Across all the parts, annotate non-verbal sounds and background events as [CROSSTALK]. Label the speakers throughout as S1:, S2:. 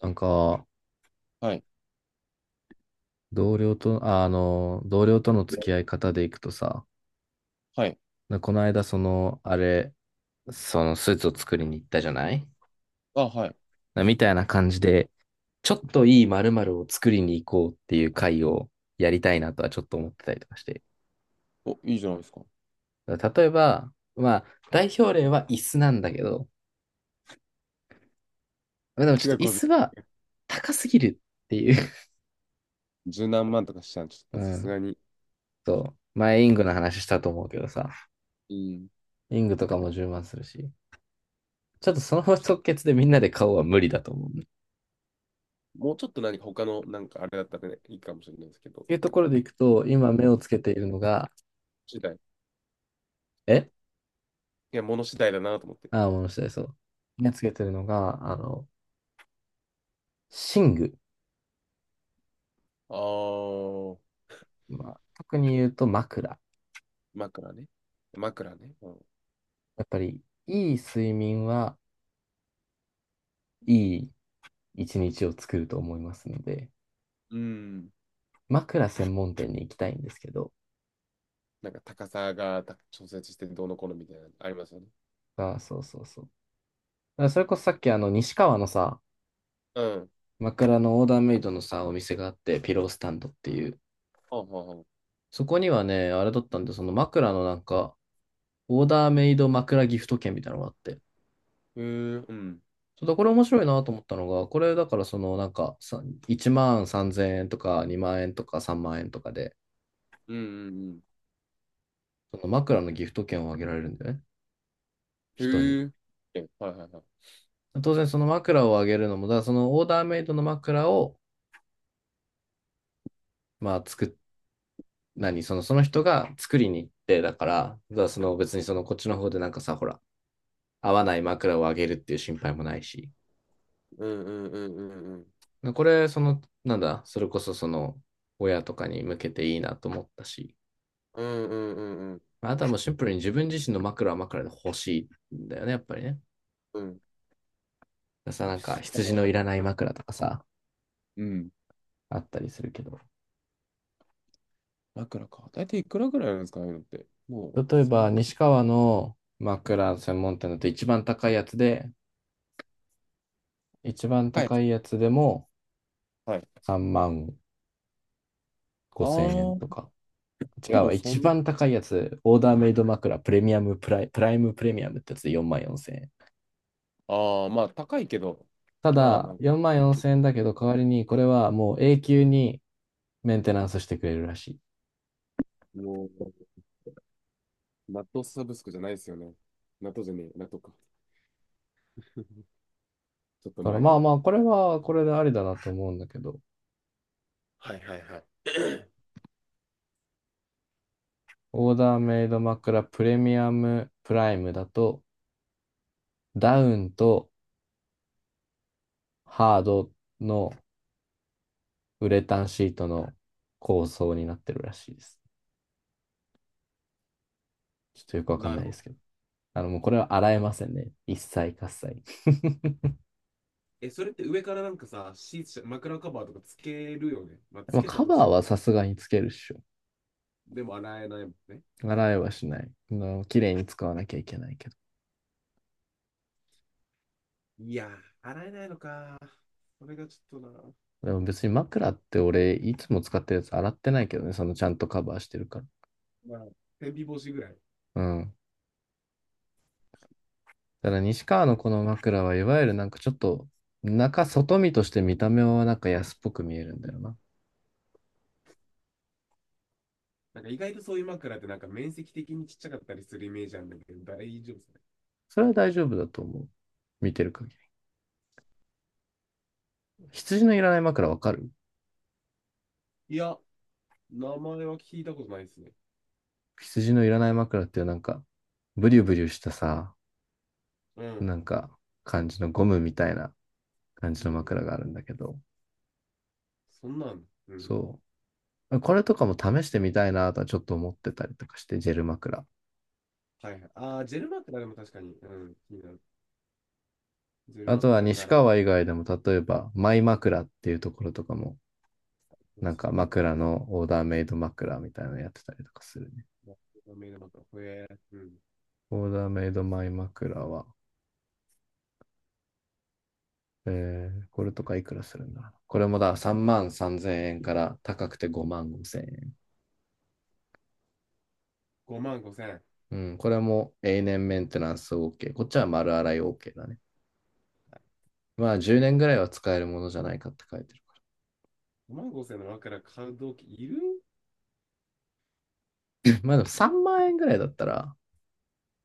S1: なんか、
S2: はい。
S1: 同僚と、同僚との
S2: で
S1: 付き合い方でいくとさ、
S2: はい。
S1: この間、その、あれ、そのスーツを作りに行ったじゃない
S2: あ、はい。
S1: なみたいな感じで、ちょっといい〇〇を作りに行こうっていう会をやりたいなとはちょっと思ってたりとかして。
S2: お、いいじゃないですか。す
S1: だから例えば、まあ、代表例は椅子なんだけど、まあでもちょっ
S2: ご
S1: と
S2: い
S1: 椅子は高すぎるっていう。
S2: 十何万とかしちゃうち
S1: [LAUGHS] う
S2: ょっとさす
S1: ん。
S2: がに。
S1: そう。前、イングの話したと思うけどさ、
S2: うん。
S1: イングとかも10万するし。ちょっとその即決でみんなで買おうは無理だと思う。
S2: もうちょっと何か他の、なんかあれだったらね、いいかもしれないですけど、
S1: いうところでいくと、今目をつけているのが、
S2: 次第。い
S1: え
S2: や、物次第だなと思って。
S1: もう下です。そう。目をつけているのが、寝具。
S2: あー、
S1: まあ、特に言うと枕。
S2: 枕ね。枕ね。うん。
S1: やっぱり、いい睡眠はいい一日を作ると思いますので、
S2: うん
S1: 枕専門店に行きたいんですけど、
S2: なんか高さがた調節してどうのこうのみたいなのありますよね。
S1: あ、そうそうそう。だからそれこそさっき西川のさ、
S2: うん。
S1: 枕のオーダーメイドのさ、お店があって、ピロースタンドっていう。
S2: あ、はは。
S1: そこにはね、あれだったんで、その枕のなんか、オーダーメイド枕ギフト券みたいなのがあって、
S2: へえ、うん。うん
S1: そうだ、これ面白いなと思ったのが、これだからそのなんかさ1万3000円とか2万円とか3万円とかで、
S2: うん
S1: その枕のギフト券をあげられるんだよね、
S2: う
S1: 人に。
S2: ん。へえ。えはいはいはい。
S1: 当然その枕をあげるのも、だからそのオーダーメイドの枕を、まあ作っ、何、その、その人が作りに行って、だからその別にそのこっちの方でなんかさ、ほら、合わない枕をあげるっていう心配もないし、
S2: うんうんうんうんうん。
S1: これ、その、なんだ、それこそその、親とかに向けていいなと思ったし、
S2: うんうんうんうん。
S1: まあとはもうシンプルに自分自身の枕は枕で欲しいんだよね、やっぱりね。
S2: うん。
S1: なんか
S2: な
S1: 羊
S2: るほ
S1: の
S2: ど
S1: いらない枕とかさ、
S2: うん
S1: あったりするけど。
S2: 枕か。だいたいいくらぐらいなんですかね、ああいうのって。もう
S1: 例えば、
S2: 3
S1: 西川の枕専門店だと一番高いやつで、一番
S2: 回。
S1: 高いやつでも
S2: はい。はい
S1: 3万
S2: あ
S1: 5千円と
S2: あ、
S1: か。違う
S2: でも
S1: わ、
S2: そ
S1: 一
S2: んな、
S1: 番高いやつ、オーダーメイド枕プレミアムプライ、プライムプレミアムってやつで4万4千円。
S2: ああ、まあ高いけど、
S1: た
S2: まあな
S1: だ、
S2: んか、
S1: 4万4千円だけど、代わりにこれはもう永久にメンテナンスしてくれるらしい。
S2: もう、納豆サブスクじゃないですよね。納豆じゃねえ、納豆か。[LAUGHS] ちょっと
S1: だから
S2: 前
S1: まあ
S2: の。
S1: まあ、これはこれでありだなと思うんだけど、
S2: はいはいはい。[CLEARS THROAT]
S1: オーダーメイド枕プレミアムプライムだと、ダウンとハードのウレタンシートの構想になってるらしいです。ちょっとよくわかん
S2: な
S1: な
S2: る
S1: いで
S2: ほど。
S1: すけど。あの、もうこれは洗えませんね。一切喝采。[LAUGHS]
S2: え、それって上からなんかさ、シーツ、枕カバーとかつけるよね。まあ、つ
S1: まあ、
S2: けた
S1: カ
S2: と
S1: バ
S2: し
S1: ー
S2: て、
S1: はさすがにつけるっしょ。
S2: でも洗えないもんね。
S1: 洗えはしない。綺麗に使わなきゃいけないけど。
S2: いやー、洗えないのか。それがちょっとな。
S1: でも別に枕って俺、いつも使ってるやつ洗ってないけどね。そのちゃんとカバーしてるから。
S2: まあ、天日干しぐらい。
S1: うん。だから西川のこの枕はいわゆるなんかちょっと中外見として見た目はなんか安っぽく見えるんだよな。
S2: なんか意外とそういう枕ってなんか面積的にちっちゃかったりするイメージあるんだけど、大丈夫ですね。
S1: それは大丈夫だと思う。見てる限り。羊のいらない枕わかる？
S2: いや、名前は聞いたことないですね。
S1: 羊のいらない枕っていうなんかブリュブリュしたさ、
S2: うん。
S1: なんか感じのゴムみたいな感
S2: う
S1: じの
S2: ん
S1: 枕があるんだけど、
S2: そんなん。うん。
S1: そう。これとかも試してみたいなとはちょっと思ってたりとかして、ジェル枕。
S2: はいはい。ああ、ジェル枕でも確かに、うん、気になる。ジェル
S1: あとは
S2: 枕
S1: 西
S2: なら。
S1: 川以外でも例えばマイ枕っていうところとかもなん
S2: そ
S1: か
S2: うなんだ。
S1: オーダーメイド枕みたいなのやってたりとかするね。
S2: メイド枕。ほえー、うん。
S1: オーダーメイドマイ枕は、これとかいくらするんだろう。これもだ、3万3000円から高くて5万5000円。
S2: 5万5千円。
S1: うん、これも永年メンテナンス OK。こっちは丸洗い OK だね。まあ10年
S2: 千
S1: ぐらいは使えるものじゃないかって書いてるか
S2: 5万5千の枕買う動機いる
S1: ら。[LAUGHS] まあでも3万円ぐらいだったら、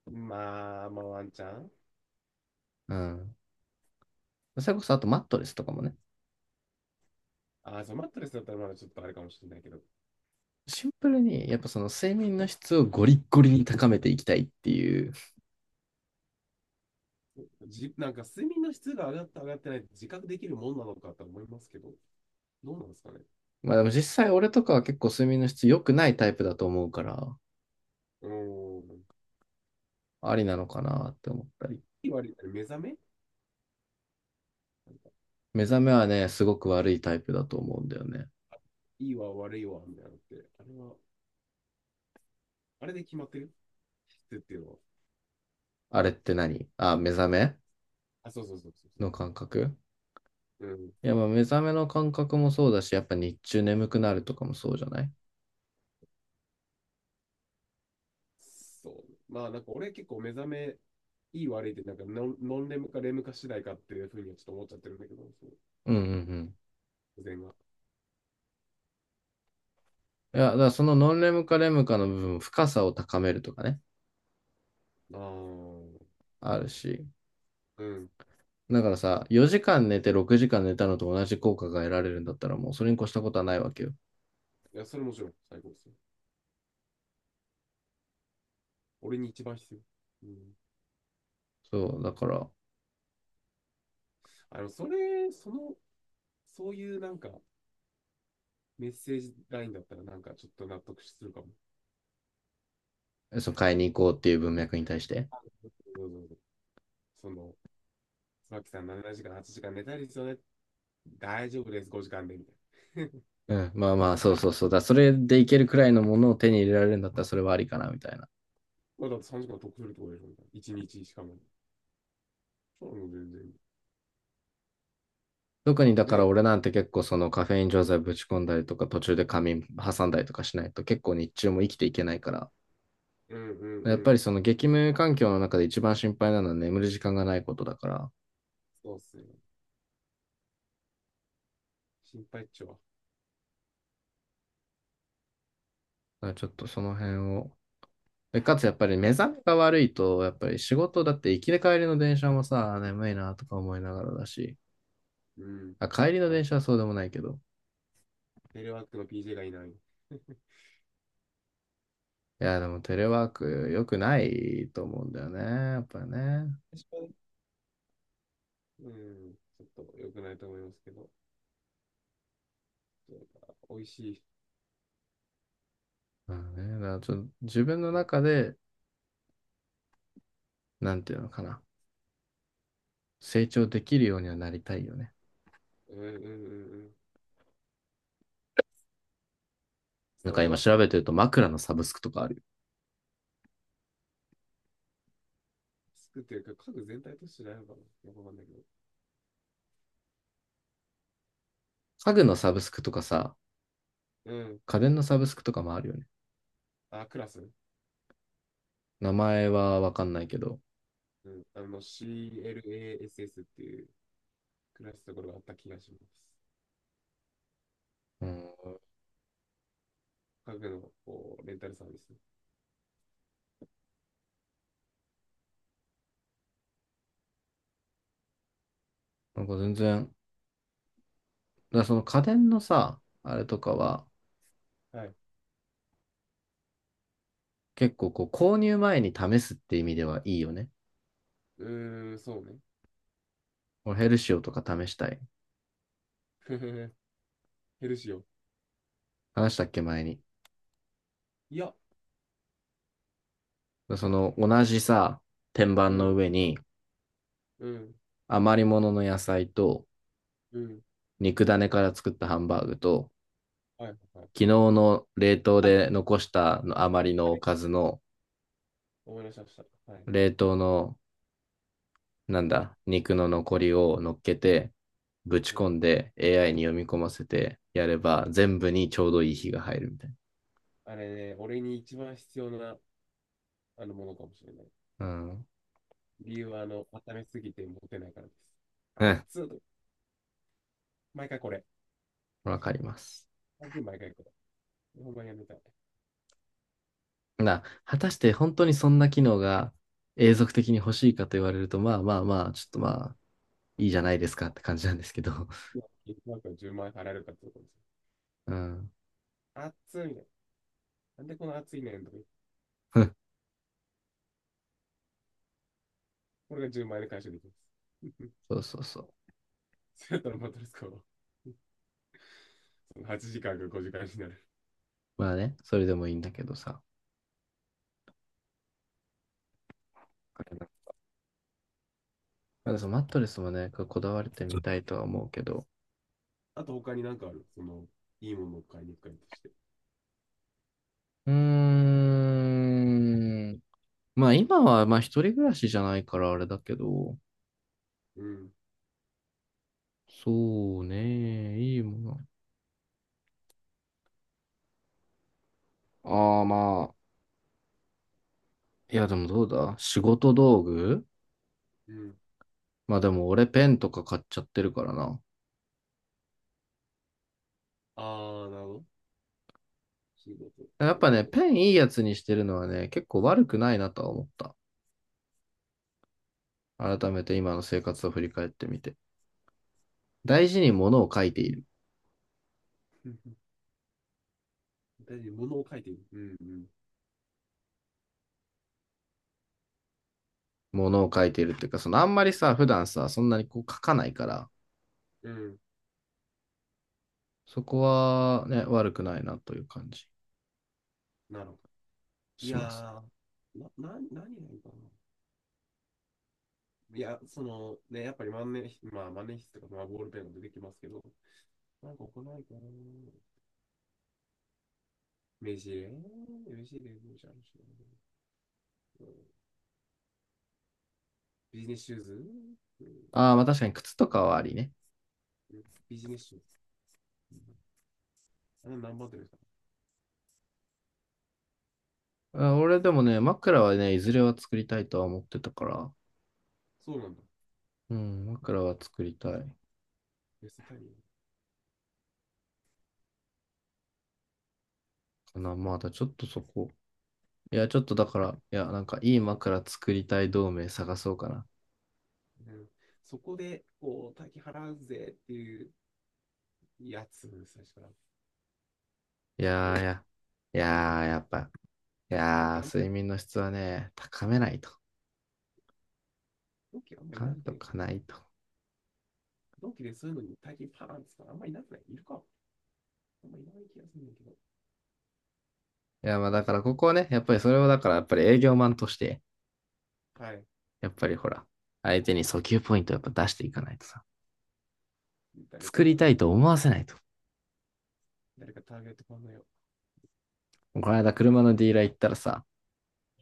S2: まあ、まあワンチャン。
S1: うん。それこそあとマットレスとかもね。
S2: ああ、そう、マットレスだったらまだちょっとあれかもしれないけど。
S1: シンプルに、やっぱその睡眠の質をゴリッゴリに高めていきたいっていう。
S2: じ、なんか睡眠の質が上がった上がってないって自覚できるもんなのかと思いますけど、どうなんですかね。
S1: まあでも実際俺とかは結構睡眠の質良くないタイプだと思うから、
S2: うーん。
S1: ありなのかなって思ったり。
S2: いい悪いって目覚め
S1: 目覚めはね、すごく悪いタイプだと思うんだよね。
S2: いいわ悪いわみたいなのって、あれは、あれで決まってる質っていうのは。
S1: あれって何あ、目覚め
S2: あ、そうそうそうそう
S1: の感覚？
S2: そう。うん。
S1: いや、まあ目覚めの感覚もそうだし、やっぱ日中眠くなるとかもそうじゃない？
S2: そう。まあなんか俺結構目覚めいい悪いってなんかノンレムかレムか次第かっていうふうにはちょっと思っちゃってるんだけど、そう。
S1: うんうんうん。
S2: 自然が。
S1: いや、だからそのノンレムかレムかの部分、深さを高めるとかね、
S2: ああ、
S1: あるし。
S2: うん。
S1: だからさ、4時間寝て6時間寝たのと同じ効果が得られるんだったらもうそれに越したことはないわけよ。
S2: いや、それもちろん最高ですよ。俺に一番必要。うん。
S1: そう、だから、
S2: それ、そのそういうなんかメッセージラインだったらなんかちょっと納得するかも。
S1: そう、買いに行こうっていう文脈に対して。
S2: そうそうそうその、椿さん7時間、8時間寝たいですよね。大丈夫です、5時間で、みたいな。
S1: うん、そうだ。それでいけるくらいのものを手に入れられるんだったらそれはありかな、みたいな。
S2: [LAUGHS] まあだって3時間得するとこでしょ、みたいな。1日しかも。そうなの、全然。
S1: 特にだ
S2: ね
S1: から
S2: え。
S1: 俺なんて結構そのカフェイン錠剤ぶち込んだりとか途中で仮眠挟んだりとかしないと結構日中も生きていけないから。
S2: うんうんう
S1: やっぱ
S2: ん。
S1: りその激務環境の中で一番心配なのは眠る時間がないことだから。だか
S2: そうっすよ。心配っちょは。
S1: らちょっとその辺を。で、かつやっぱり目覚めが悪いと、やっぱり仕事だって行きで帰りの電車もさ、眠いなとか思いながらだし、
S2: うん。
S1: あ、帰りの
S2: あ、
S1: 電車はそうでもないけど。
S2: テレワークの PJ がいない。確
S1: いや、でもテレワーク良くないと思うんだよね。やっぱりね。
S2: かに。うん。ちょっと良くないと思いますけど。そうか美味し
S1: まあね、だからちょっと自分の
S2: い。ね
S1: 中で、なんていうのかな。成長できるようにはなりたいよね。
S2: うんうんうんうん。
S1: なん
S2: そ
S1: か
S2: れ
S1: 今
S2: はそ
S1: 調べ
S2: う。
S1: てると枕のサブスクとかあるよ。
S2: 作ってるか、家具全体としてないのかなよくわかんないけど。
S1: 家具のサブスクとかさ、
S2: うん。
S1: 家電のサブスクとかもあるよね。
S2: あ、クラス。
S1: 名前はわかんないけど。
S2: うん。CLASS っていうクラスところがあった気がします。
S1: うん。
S2: 家具のこうレンタルサービス。
S1: なんか全然、だからその家電のさ、あれとかは、
S2: はい。
S1: 結構こう購入前に試すって意味ではいいよね。
S2: うーん、そうね。
S1: 俺ヘルシオとか試したい。
S2: [LAUGHS] ふふふヘルシオ。
S1: 話したっけ前に？
S2: いや、
S1: その同じさ、天板
S2: う
S1: の
S2: ん、
S1: 上に
S2: うん、
S1: 余り物の野菜と
S2: うん。
S1: 肉種から作ったハンバーグと
S2: はい、はい。
S1: 昨日の冷凍
S2: あ、
S1: で残したの余り
S2: あ
S1: のお
S2: れ
S1: かずの
S2: 思い出しました。はい。
S1: 冷凍のなんだ、肉の残りを乗っけてぶち
S2: う
S1: 込
S2: ん。
S1: んで AI に読み込ませてやれば全部にちょうどいい火が入るみたい
S2: あれね、俺に一番必要なものかもしれない。
S1: な。うん。
S2: 理由は、温めすぎて持てないからです。
S1: うん。
S2: 熱っ毎回これ。
S1: わかります。
S2: 毎回これ。ほんまやめたい。
S1: 果たして本当にそんな機能が永続的に欲しいかと言われると、まあまあまあ、ちょっとまあ、いいじゃないですかって感じなんですけど。
S2: なんか10万円払えるかってところです。
S1: [LAUGHS] うん。
S2: 熱いみたいな。なんでこの熱いねんとか。
S1: [LAUGHS]
S2: これが10万円で回収できます。
S1: そうそうそう。
S2: [LAUGHS] そうやったらマトレス買おう。[LAUGHS] その8時間か5時間になる。
S1: まあね、それでもいいんだけどさ。まだそのマットレスもね、こだわれてみたいとは思うけど。
S2: あと他になんかある。その、いいものを買いに行くかとして。
S1: うーん。まあ今は、まあ一人暮らしじゃないからあれだけど。
S2: うん。
S1: そうね、いいもの。ああまあ、いやでもどうだ仕事道具。
S2: うん。
S1: まあでも俺ペンとか買っちゃってるからな。
S2: あー、なるほど。仕事と
S1: や
S2: か
S1: っぱね、
S2: ね、
S1: ペンいいやつにしてるのはね、結構悪くないなとは思った。改めて今の生活を振り返ってみて。大事に物を書いている。
S2: [LAUGHS] うん大事に物を書いている。うん
S1: 物を書いているっていうか、そのあんまりさ、普段さ、そんなにこう書かないから、
S2: うん。うん。
S1: そこはね、悪くないなという感じ
S2: なるほど。い
S1: し
S2: や
S1: ますね。
S2: ー、何がいいかな。いや、そのね、やっぱり万年筆、まあ万年筆とか、まあボールペンが出てきますけど、なんか行ないかな。目ジ目メもじゃんしな、うんビジネスシューズ、う
S1: ああ、まあ確かに靴とかはありね。
S2: ん、ビジネスシューズ。うん、あれ何番手ですか
S1: あ、俺でもね、枕はね、いずれは作りたいとは思ってたから、
S2: そうなんだ。
S1: うん、枕は作りたい
S2: ベストタイミン
S1: かな。まだちょっとそこ。いや、ちょっとだから、いや、なんかいい枕作りたい同盟探そうかな。
S2: グ。うん、そこで、こう、大金払うぜっていうやつ、最初から。
S1: い
S2: 結
S1: やーい
S2: 構、
S1: や、い
S2: う
S1: やー
S2: ん、
S1: やっぱい
S2: 同
S1: や
S2: 期あん、
S1: ー、睡眠の質はね、高めないと。
S2: 同期あんまい
S1: 高
S2: な
S1: め
S2: くね
S1: と
S2: えか
S1: か
S2: な。
S1: ないと。
S2: 同期でそういうのに大金パーンって言ったらあんまいなくないいるかあんまいない気がするんだけど。
S1: いや、まあだからここはね、やっぱりそれをだからやっぱり営業マンとして、
S2: はい。
S1: やっぱりほら、相手に訴求ポイントをやっぱ出していかないとさ、
S2: 誰か
S1: 作
S2: や
S1: りたい
S2: な。
S1: と思わせないと。
S2: 誰かターゲット考えよ
S1: この間車のディーラー行ったらさ、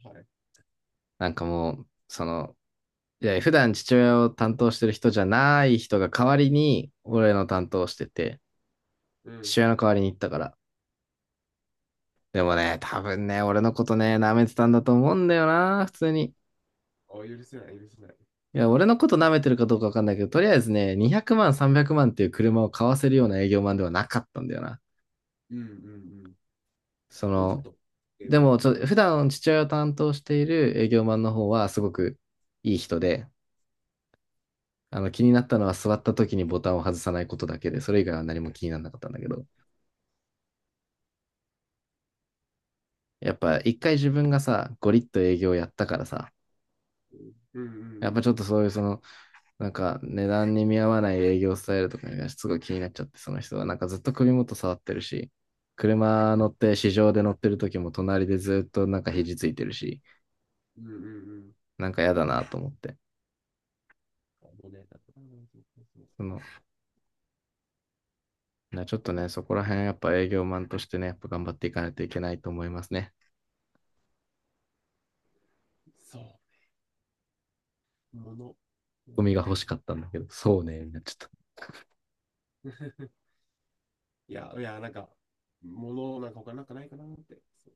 S2: う。はい。
S1: なんかもう、その、いや、普段父親を担当してる人じゃない人が代わりに、俺の担当してて、
S2: うん。
S1: 父親の代わりに行ったから。でもね、多分ね、俺のことね、舐めてたんだと思うんだよな、普通に。
S2: あ、許せない、許せない。
S1: いや、俺のこと舐めてるかどうかわかんないけど、とりあえずね、200万、300万っていう車を買わせるような営業マンではなかったんだよな。
S2: うんうんうん。
S1: そ
S2: もうちょっ
S1: の、
S2: と低
S1: で
S2: め。
S1: も、ちょっ
S2: う
S1: と、
S2: ん。
S1: 普段父親を担当している営業マンの方はすごくいい人で、あの、気になったのは座った時にボタンを外さないことだけで、それ以外は何も気にならなかったんだけど、やっぱ一回自分がさ、ゴリッと営業やったからさ、
S2: うんうんう
S1: やっぱ
S2: ん。
S1: ちょっとそういうその、なんか値段に見合わない営業スタイルとかがすごい気になっちゃって、その人は。なんかずっと首元触ってるし、車乗って市場で乗ってる時も隣でずっとなんか肘ついてるし、
S2: うんうんうん。
S1: なんか嫌だなと思って。
S2: あのね、だから、そうそうそう。
S1: その、なちょっとね、そこら辺やっぱ営業マンとしてね、やっぱ頑張っていかないといけないと思いますね。
S2: そう、もの。も
S1: ゴミ
S2: のや
S1: が欲しかったんだけど、そうね、みんなちょっと
S2: な [LAUGHS] いや、いや、なんか、ものなんか他なんかないかなって。そう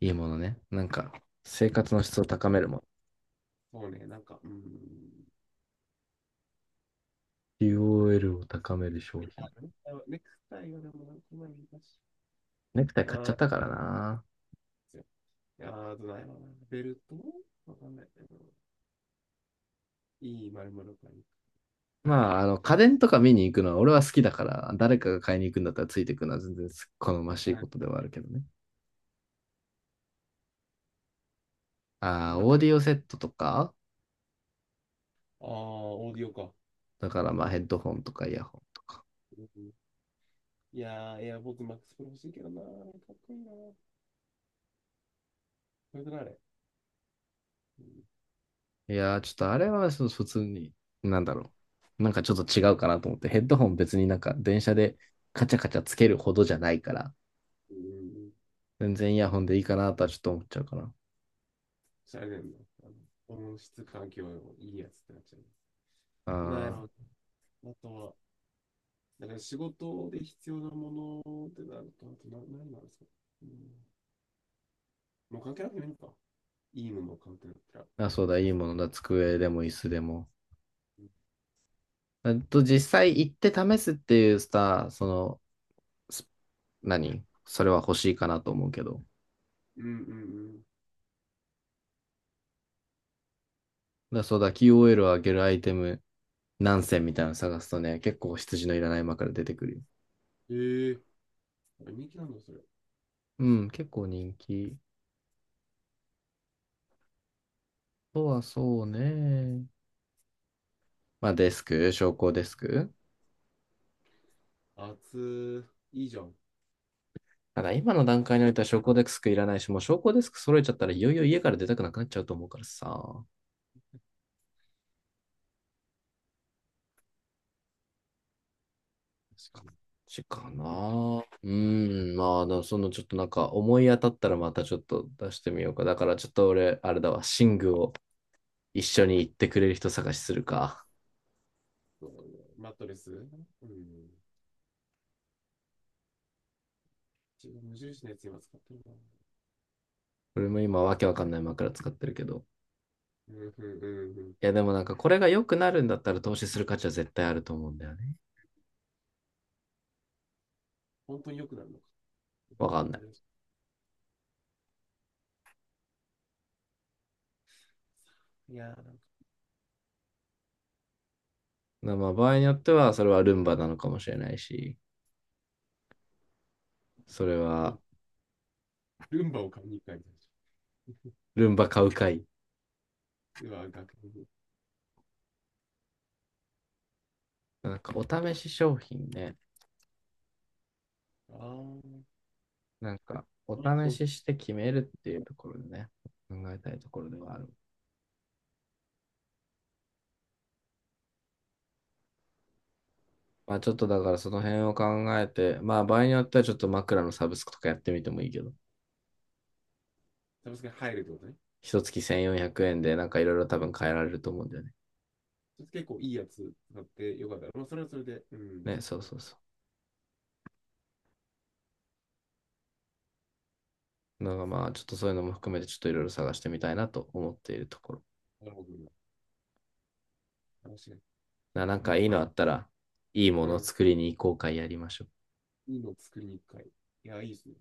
S1: いいものね。なんか生活の質を高めるもの。
S2: そうね、なんか、うん。なんか
S1: QOL を高める商
S2: え
S1: 品。
S2: あネクタイはね、ネクタイはでもなんかないだし。
S1: ネクタイ
S2: あ
S1: 買っちゃ
S2: ー
S1: った
S2: で
S1: からな。
S2: すよいやー、あとないわな。ベルトわかんない。うんいい丸々かいい。
S1: まあ、あの、家電とか見に行くのは俺は好きだから、誰かが買いに行くんだったらついていくのは全然好ましい
S2: はい。
S1: ことではあるけどね。ああ、
S2: 今
S1: オ
S2: か
S1: ー
S2: ら。
S1: デ
S2: あ
S1: ィオセットとか、
S2: あ、オーディオか。
S1: だからまあヘッドホンとかイヤホンとか。
S2: いやー、エアポッズマックスプロ欲しいけどなー。かっこいいなー。それとなあれ。うん。
S1: いやー、ちょっとあれはそう普通に、なんだろう。なんかちょっと違うかなと思って、ヘッドホン別になんか電車でカチャカチャつけるほどじゃないから、
S2: うん。
S1: 全然イヤホンでいいかなとはちょっと思っちゃうかな。
S2: しゃれるの。あ音質環境いいやつってなっちゃう。なんや
S1: あ
S2: ろ。あとは、だから仕事で必要なものってなると、あとな何なんですか。うん。もう関係なくてもいいのか。いいものを買うってなったら、
S1: ーあ、そうだ、
S2: そ
S1: いい
S2: こは。
S1: ものだ、机でも椅子でも。あと実際行って試すっていうさ、その、ス何それは欲しいかなと思うけど。だ
S2: うんうん
S1: そうだ、QOL を上げるアイテム何選みたいなの探すとね、結構羊のいらない間から出てくるよ。
S2: うん。ええー。人気なんだ、それ。
S1: うん、結構人気。とはそうね。まあデスク、昇降デスク。
S2: 熱いいじゃん。
S1: ただ今の段階においては昇降デスクいらないし、もう昇降デスク揃えちゃったらいよいよ家から出たくなくなっちゃうと思うからさ。
S2: 確かに。
S1: しかな。うん、まあ、もそのちょっとなんか思い当たったらまたちょっと出してみようか。だからちょっと俺、あれだわ、寝具を一緒に行ってくれる人探しするか。
S2: そうマットレスうん。自分無印のやつ今使ってるな。う
S1: 俺も今わけわかんない枕使ってるけど。
S2: んうんうんうん。
S1: いやでもなんかこれが良くなるんだったら投資する価値は絶対あると思うんだよね。
S2: 本当に良くなるのか。
S1: わかんない。
S2: いやー、なんか
S1: まあまあ場合によってはそれはルンバなのかもしれないし、それ
S2: も
S1: は
S2: う、ルンバを買いに行く感じでしょ。
S1: ルンバ買うかい。
S2: [LAUGHS] うわ、学部
S1: なんかお試し商品ね。
S2: あー、
S1: なんかお
S2: これ
S1: 試
S2: 商
S1: し
S2: 品。
S1: して決めるっていうところでね、考えたいところではある。まあちょっとだからその辺を考えて、まあ場合によってはちょっと枕のサブスクとかやってみてもいいけど、
S2: サブスクに入るってことね。
S1: 一月1400円でなんかいろいろ多分変えられると思うんだよね。
S2: それ結構いいやつ使ってよかった。まあ、それはそれで、うん。
S1: ね、そうそうそう。のが、まあ、ちょっとそういうのも含めて、ちょっといろいろ探してみたいなと思っているところ。
S2: なるほど。話が
S1: な
S2: 広が
S1: なん
S2: りま
S1: か
S2: す
S1: いい
S2: ね。
S1: のあったら、いいも
S2: う
S1: のを
S2: ん。
S1: 作りに行こうかやりましょう。
S2: いいのを作りに行く会。いや、いいですね。